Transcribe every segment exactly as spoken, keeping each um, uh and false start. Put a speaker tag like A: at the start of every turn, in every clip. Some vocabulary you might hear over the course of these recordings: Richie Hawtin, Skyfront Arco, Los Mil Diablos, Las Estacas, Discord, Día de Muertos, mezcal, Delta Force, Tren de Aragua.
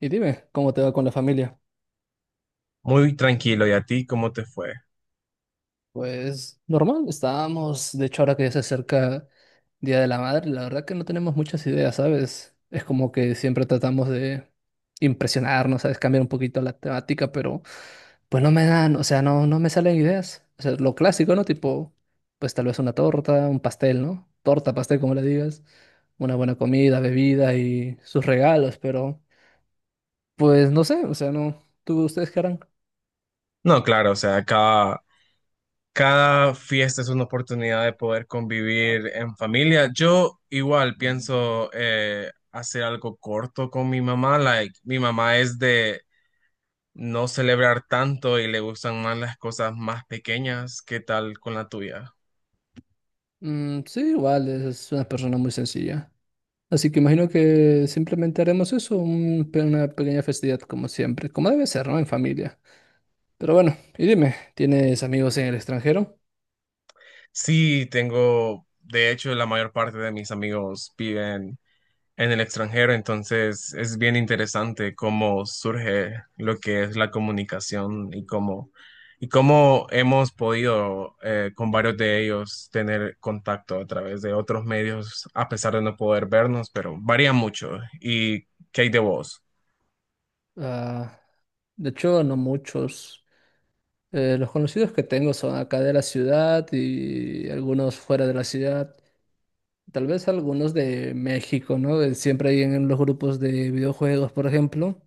A: Y dime, ¿cómo te va con la familia?
B: Muy tranquilo, ¿y a ti cómo te fue?
A: Pues normal, estábamos, de hecho ahora que ya se acerca Día de la Madre, la verdad que no tenemos muchas ideas, ¿sabes? Es como que siempre tratamos de impresionarnos, ¿sabes? Cambiar un poquito la temática, pero pues no me dan, o sea, no, no me salen ideas. O sea, lo clásico, ¿no? Tipo, pues tal vez una torta, un pastel, ¿no? Torta, pastel, como le digas, una buena comida, bebida y sus regalos, pero pues no sé, o sea, no. ¿Tú, ustedes qué harán?
B: No, claro, o sea, cada, cada fiesta es una oportunidad de poder convivir en familia. Yo igual pienso eh, hacer algo corto con mi mamá. Like, mi mamá es de no celebrar tanto y le gustan más las cosas más pequeñas. ¿Qué tal con la tuya?
A: Mm, sí, igual es una persona muy sencilla. Así que imagino que simplemente haremos eso, un pe- una pequeña festividad como siempre, como debe ser, ¿no? En familia. Pero bueno, y dime, ¿tienes amigos en el extranjero?
B: Sí, tengo, de hecho, la mayor parte de mis amigos viven en el extranjero, entonces es bien interesante cómo surge lo que es la comunicación y cómo, y cómo hemos podido eh, con varios de ellos tener contacto a través de otros medios, a pesar de no poder vernos, pero varía mucho. ¿Y qué hay de vos?
A: Ah, de hecho, no muchos. Eh, los conocidos que tengo son acá de la ciudad y algunos fuera de la ciudad. Tal vez algunos de México, ¿no? De siempre hay en los grupos de videojuegos, por ejemplo.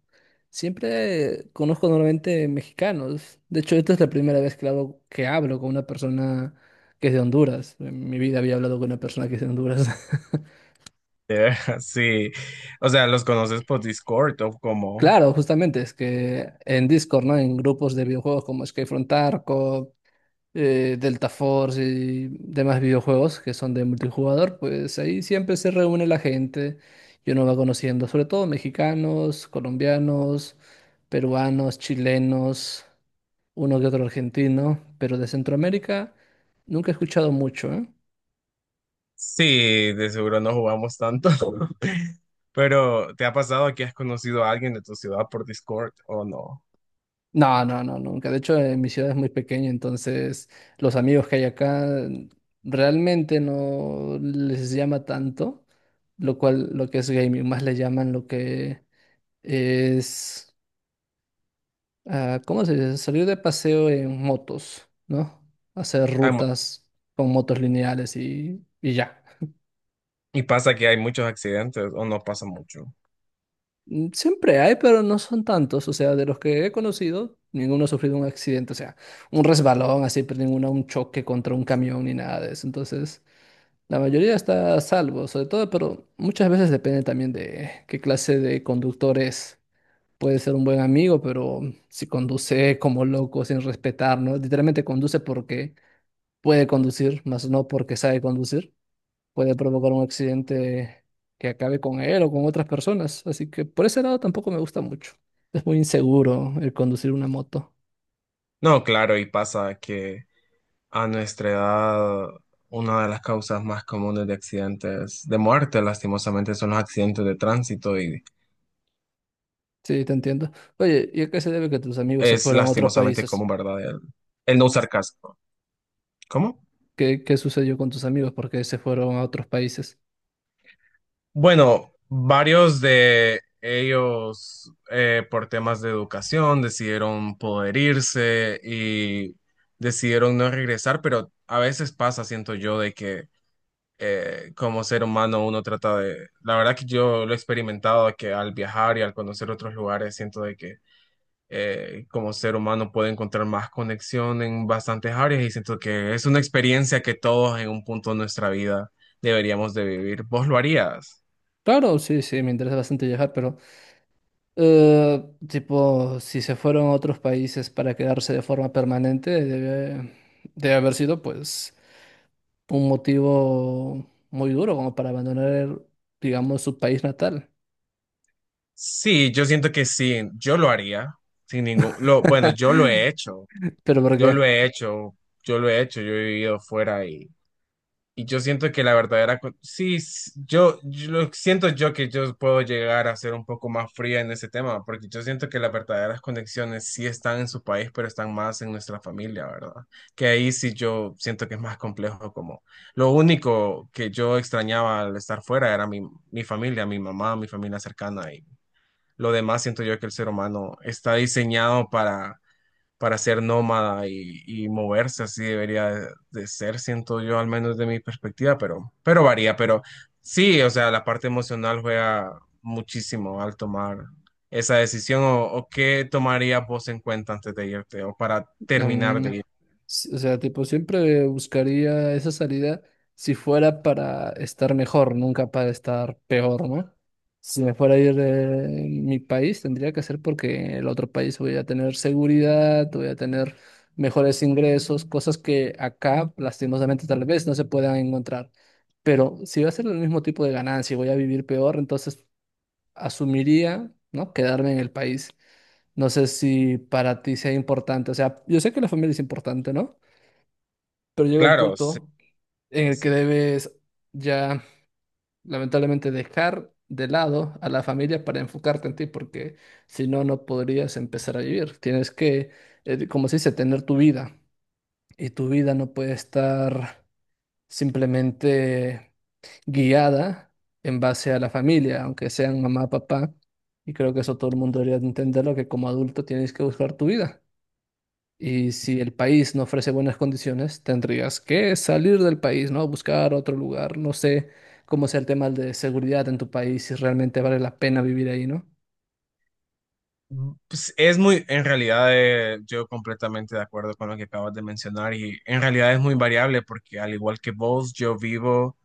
A: Siempre conozco normalmente mexicanos. De hecho, esta es la primera vez que hablo, que hablo con una persona que es de Honduras. En mi vida había hablado con una persona que es de Honduras.
B: Eh, Sí, o sea, ¿los conoces por Discord o como...?
A: Claro, justamente, es que en Discord, ¿no? En grupos de videojuegos como Skyfront Arco eh, Delta Force y demás videojuegos que son de multijugador, pues ahí siempre se reúne la gente y uno va conociendo, sobre todo mexicanos, colombianos, peruanos, chilenos, uno que otro argentino, pero de Centroamérica nunca he escuchado mucho, ¿eh?
B: Sí, de seguro no jugamos tanto. Pero, ¿te ha pasado que has conocido a alguien de tu ciudad por Discord o no?
A: No, no, no, nunca. De hecho, eh, mi ciudad es muy pequeña, entonces los amigos que hay acá mm, realmente no les llama tanto, lo cual lo que es gaming, más le llaman lo que es, ah, ¿cómo se dice? Salir de paseo en motos, ¿no? Hacer
B: Hay.
A: rutas con motos lineales y, y ya.
B: Y pasa que hay muchos accidentes, ¿o no pasa mucho?
A: Mm, Siempre hay, pero no son tantos. O sea, de los que he conocido, ninguno ha sufrido un accidente. O sea, un resbalón así, pero ninguno un choque contra un camión ni nada de eso. Entonces, la mayoría está a salvo, sobre todo, pero muchas veces depende también de qué clase de conductor es. Puede ser un buen amigo, pero si conduce como loco, sin respetar, ¿no? Literalmente conduce porque puede conducir, más no porque sabe conducir, puede provocar un accidente que acabe con él o con otras personas. Así que por ese lado tampoco me gusta mucho. Es muy inseguro el conducir una moto.
B: No, claro, y pasa que a nuestra edad, una de las causas más comunes de accidentes de muerte, lastimosamente, son los accidentes de tránsito y
A: Sí, te entiendo. Oye, ¿y a qué se debe que tus amigos se
B: es
A: fueron a otros
B: lastimosamente
A: países?
B: común, ¿verdad? El, el no usar casco. ¿Cómo?
A: ¿Qué, qué sucedió con tus amigos? ¿Por qué se fueron a otros países?
B: Bueno, varios de ellos, eh, por temas de educación, decidieron poder irse y decidieron no regresar, pero a veces pasa, siento yo, de que eh, como ser humano uno trata de, la verdad que yo lo he experimentado, que al viajar y al conocer otros lugares siento de que eh, como ser humano puedo encontrar más conexión en bastantes áreas y siento que es una experiencia que todos en un punto de nuestra vida deberíamos de vivir. ¿Vos lo harías?
A: Claro, sí, sí, me interesa bastante viajar, pero... Eh, tipo, si se fueron a otros países para quedarse de forma permanente, debe, debe haber sido pues un motivo muy duro como para abandonar, digamos, su país natal.
B: Sí, yo siento que sí, yo lo haría sin ningún, lo, bueno, yo lo he hecho,
A: ¿Pero por
B: yo lo
A: qué?
B: he hecho, yo lo he hecho, yo he vivido fuera. Y yo siento que la verdadera... cu- Sí, s- yo, yo lo- siento yo que yo puedo llegar a ser un poco más fría en ese tema, porque yo siento que las verdaderas conexiones sí están en su país, pero están más en nuestra familia, ¿verdad? Que ahí sí yo siento que es más complejo, como lo único que yo extrañaba al estar fuera era mi, mi familia, mi mamá, mi familia cercana, y lo demás siento yo que el ser humano está diseñado para ser nómada y, y moverse así debería de, de ser, siento yo, al menos de mi perspectiva, pero, pero varía, pero sí, o sea, la parte emocional juega muchísimo al tomar esa decisión o, o qué tomarías vos en cuenta antes de irte o para terminar
A: Mm,
B: de ir.
A: s- o sea, tipo, siempre buscaría esa salida si fuera para estar mejor, nunca para estar peor, ¿no? Si me fuera a ir de mi país, tendría que ser porque el otro país voy a tener seguridad, voy a tener mejores ingresos, cosas que acá, lastimosamente, tal vez no se puedan encontrar. Pero si va a ser el mismo tipo de ganancia y voy a vivir peor, entonces asumiría, ¿no? Quedarme en el país. No sé si para ti sea importante, o sea, yo sé que la familia es importante, ¿no? Pero llega un
B: Claro, sí,
A: punto en el que
B: sí.
A: debes ya, lamentablemente, dejar de lado a la familia para enfocarte en ti, porque si no, no podrías empezar a vivir. Tienes que, eh, como se dice, tener tu vida y tu vida no puede estar simplemente guiada en base a la familia, aunque sean mamá, papá. Y creo que eso todo el mundo debería de entenderlo, que como adulto tienes que buscar tu vida. Y si el país no ofrece buenas condiciones, tendrías que salir del país, ¿no? Buscar otro lugar. No sé cómo sea el tema de seguridad en tu país, si realmente vale la pena vivir ahí, ¿no?
B: Pues es muy, en realidad, eh, yo completamente de acuerdo con lo que acabas de mencionar y en realidad es muy variable porque al igual que vos, yo vivo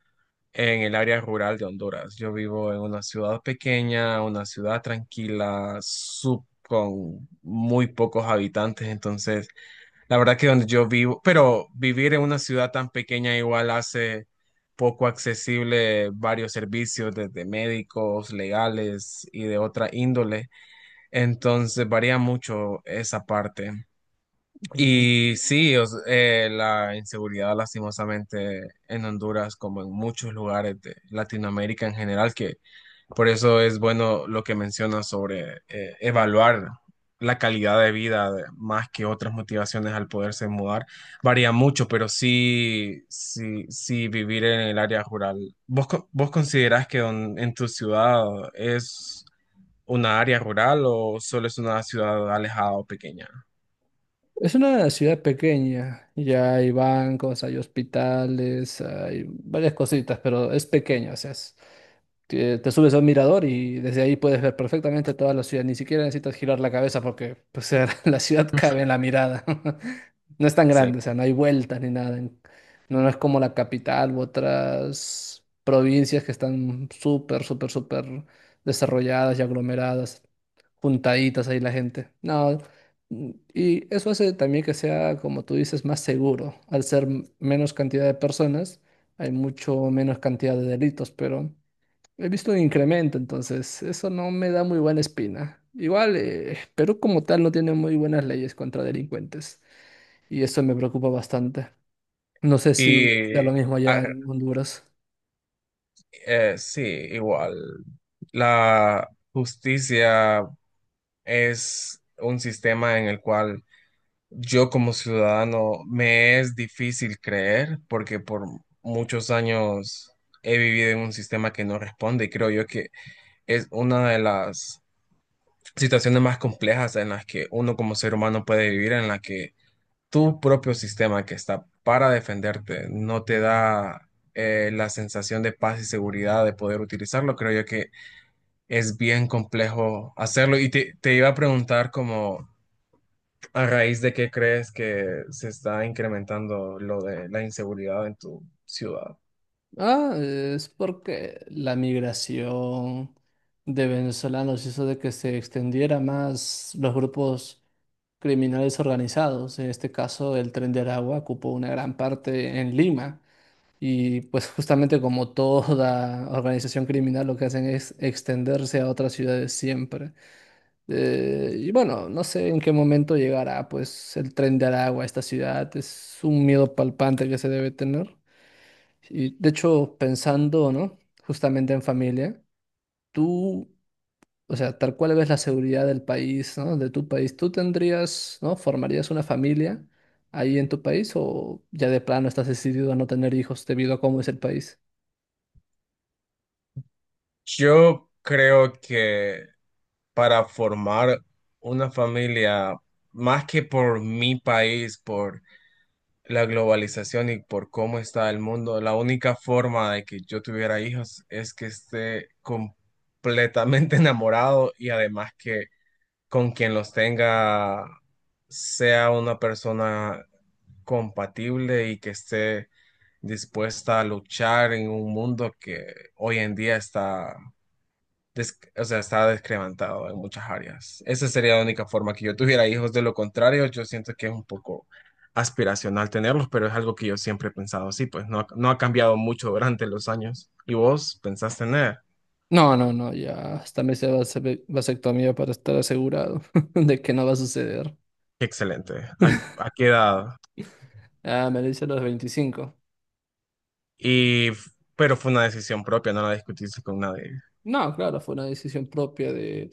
B: en el área rural de Honduras. Yo vivo en una ciudad pequeña, una ciudad tranquila, sub- con muy pocos habitantes. Entonces, la verdad que donde yo vivo, pero vivir en una ciudad tan pequeña igual hace poco accesible varios servicios, desde médicos, legales y de otra índole. Entonces, varía mucho esa parte.
A: Mm,
B: Y sí, o s- eh, la inseguridad lastimosamente en Honduras, como en muchos lugares de Latinoamérica en general, que por eso es bueno lo que mencionas sobre eh, evaluar la calidad de vida de- más que otras motivaciones al poderse mudar. Varía mucho, pero sí, sí, sí vivir en el área rural. ¿Vos, co- vos considerás que don- en tu ciudad es una área rural o solo es una ciudad alejada o pequeña?
A: es una ciudad pequeña, ya hay bancos, hay hospitales, hay varias cositas, pero es pequeña, o sea, es- te, te subes a un mirador y desde ahí puedes ver perfectamente toda la ciudad. Ni siquiera necesitas girar la cabeza porque pues, la ciudad cabe en la mirada. No es tan
B: Excel-.
A: grande, o sea, no hay vueltas ni nada. En- No, no es como la capital u otras provincias que están súper, súper, súper desarrolladas y aglomeradas, juntaditas ahí la gente. No, mm, y eso hace también que sea, como tú dices, más seguro. Al ser m- menos cantidad de personas, hay mucho menos cantidad de delitos, pero... He visto un incremento, entonces eso no me da muy buena espina. Igual, eh, Perú como tal no tiene muy buenas leyes contra delincuentes y eso me preocupa bastante. No sé si
B: Y
A: sea lo mismo
B: ah,
A: allá en Honduras.
B: eh, sí, igual. La justicia es un sistema en el cual yo como ciudadano me es difícil creer porque por muchos años he vivido en un sistema que no responde y creo yo que es una de las situaciones más complejas en las que uno como ser humano puede vivir, en la que tu propio sistema que está para defenderte no te da eh, la sensación de paz y seguridad de poder utilizarlo, creo yo que es bien complejo hacerlo. Y te, te iba a preguntar como a raíz de qué crees que se está incrementando lo de la inseguridad en tu ciudad.
A: Ah, es porque la migración de venezolanos hizo de que se extendiera más los grupos criminales organizados. En este caso, el Tren de Aragua ocupó una gran parte en Lima. Y pues justamente como toda organización criminal lo que hacen es extenderse a otras ciudades siempre. Eh, y bueno, no sé en qué momento llegará pues el tren de Aragua a esta ciudad. Es un miedo palpante que se debe tener. Y de hecho, pensando, ¿no? Justamente en familia, ¿tú, o sea, tal cual ves la seguridad del país, ¿no? De tu país. ¿Tú tendrías, ¿no? ¿Formarías una familia ahí en tu país o ya de plano estás decidido a no tener hijos debido a cómo es el país?
B: Yo creo que para formar una familia, más que por mi país, por la globalización y por cómo está el mundo, la única forma de que yo tuviera hijos es que esté completamente enamorado y además que con quien los tenga sea una persona compatible y que esté dispuesta a luchar en un mundo que hoy en día está des- o sea, está descremantado en muchas áreas. Esa sería la única forma que yo tuviera hijos. De lo contrario, yo siento que es un poco aspiracional tenerlos, pero es algo que yo siempre he pensado así, pues no, ha- no ha cambiado mucho durante los años. ¿Y vos pensás tener?
A: No, no, no, ya hasta me hice vase- vasectomía para estar asegurado de que no va a suceder.
B: Qué excelente. ¿A, a qué edad?
A: Ah, me lo hice a los veinticinco.
B: Y, pero fue una decisión propia, ¿no la discutiste con nadie?
A: No, claro, fue una decisión propia de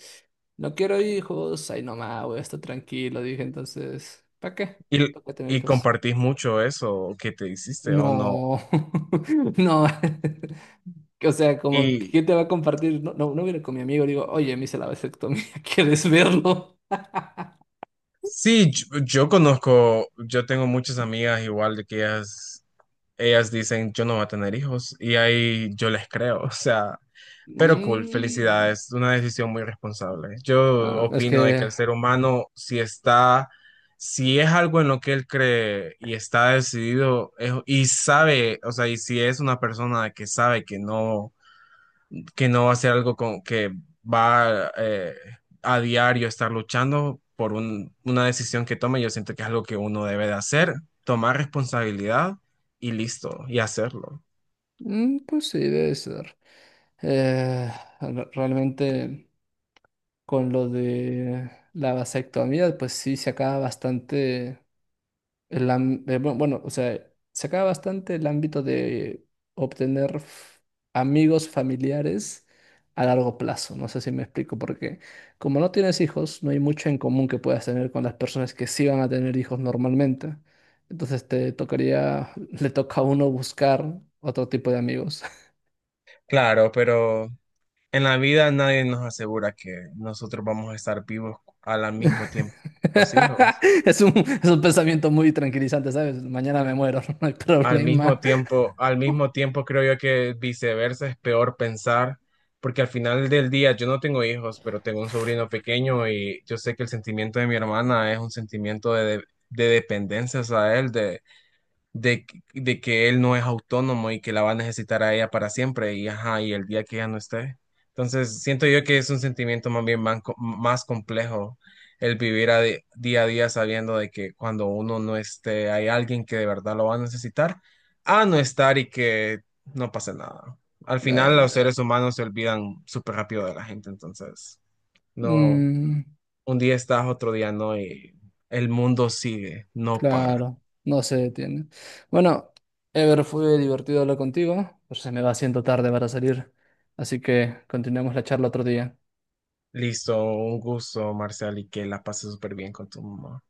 A: no quiero hijos, ahí nomás voy a estar tranquilo, dije entonces, ¿para qué?
B: ¿Y,
A: ¿Para qué tener
B: y
A: hijos?
B: compartís mucho eso que te hiciste o no?
A: No, no, o sea, como,
B: Y
A: ¿quién te va a compartir? No, no, no viene con mi amigo, digo, oye, me hice la vasectomía, ¿quieres verlo?
B: sí, yo, yo conozco, yo tengo muchas amigas igual de que ellas ellas dicen, yo no voy a tener hijos y ahí yo les creo, o sea, pero cool,
A: Mm,
B: felicidades, una decisión muy responsable. Yo
A: no, es
B: opino de que
A: que,
B: el ser humano, si está, si es algo en lo que él cree y está decidido es- y sabe, o sea, y si es una persona que sabe que no que no va a ser algo con, que va eh, a diario estar luchando por un- una decisión que tome. Yo siento que es algo que uno debe de hacer, tomar responsabilidad y listo, y hacerlo.
A: mm, pues sí, debe ser. Eh, re- realmente, con lo de la vasectomía, pues sí, se acaba bastante. El, am- eh, bu- bueno, o sea, se acaba bastante el ámbito de obtener f- amigos familiares a largo plazo. No sé si me explico, porque como no tienes hijos, no hay mucho en común que puedas tener con las personas que sí van a tener hijos normalmente. Entonces te tocaría, le toca a uno buscar otro tipo de amigos.
B: Claro, pero en la vida nadie nos asegura que nosotros vamos a estar vivos al mismo tiempo que los hijos.
A: Es un, es un pensamiento muy tranquilizante, ¿sabes? Mañana me muero, no hay
B: Al mismo
A: problema.
B: tiempo, al mismo tiempo creo yo que viceversa es peor pensar, porque al final del día yo no tengo hijos, pero tengo un sobrino pequeño y yo sé que el sentimiento de mi hermana es un sentimiento de, de, dependencia a él, de de, de que él no es autónomo y que la va a necesitar a ella para siempre y ajá, y el día que ella no esté. Entonces, siento yo que es un sentimiento más bien man- más complejo el vivir a di- día a día sabiendo de que cuando uno no esté, hay alguien que de verdad lo va a necesitar, a no estar y que no pase nada. Al final,
A: Eh,
B: los seres humanos se olvidan súper rápido de la gente, entonces, no,
A: mm.
B: un día estás, otro día no, y el mundo sigue, no para.
A: Claro, no se detiene. Bueno, Ever, fue divertido hablar contigo, pero se me va haciendo tarde para salir, así que continuemos la charla otro día.
B: Listo, un gusto, Marcial, y que la pases súper bien con tu mamá.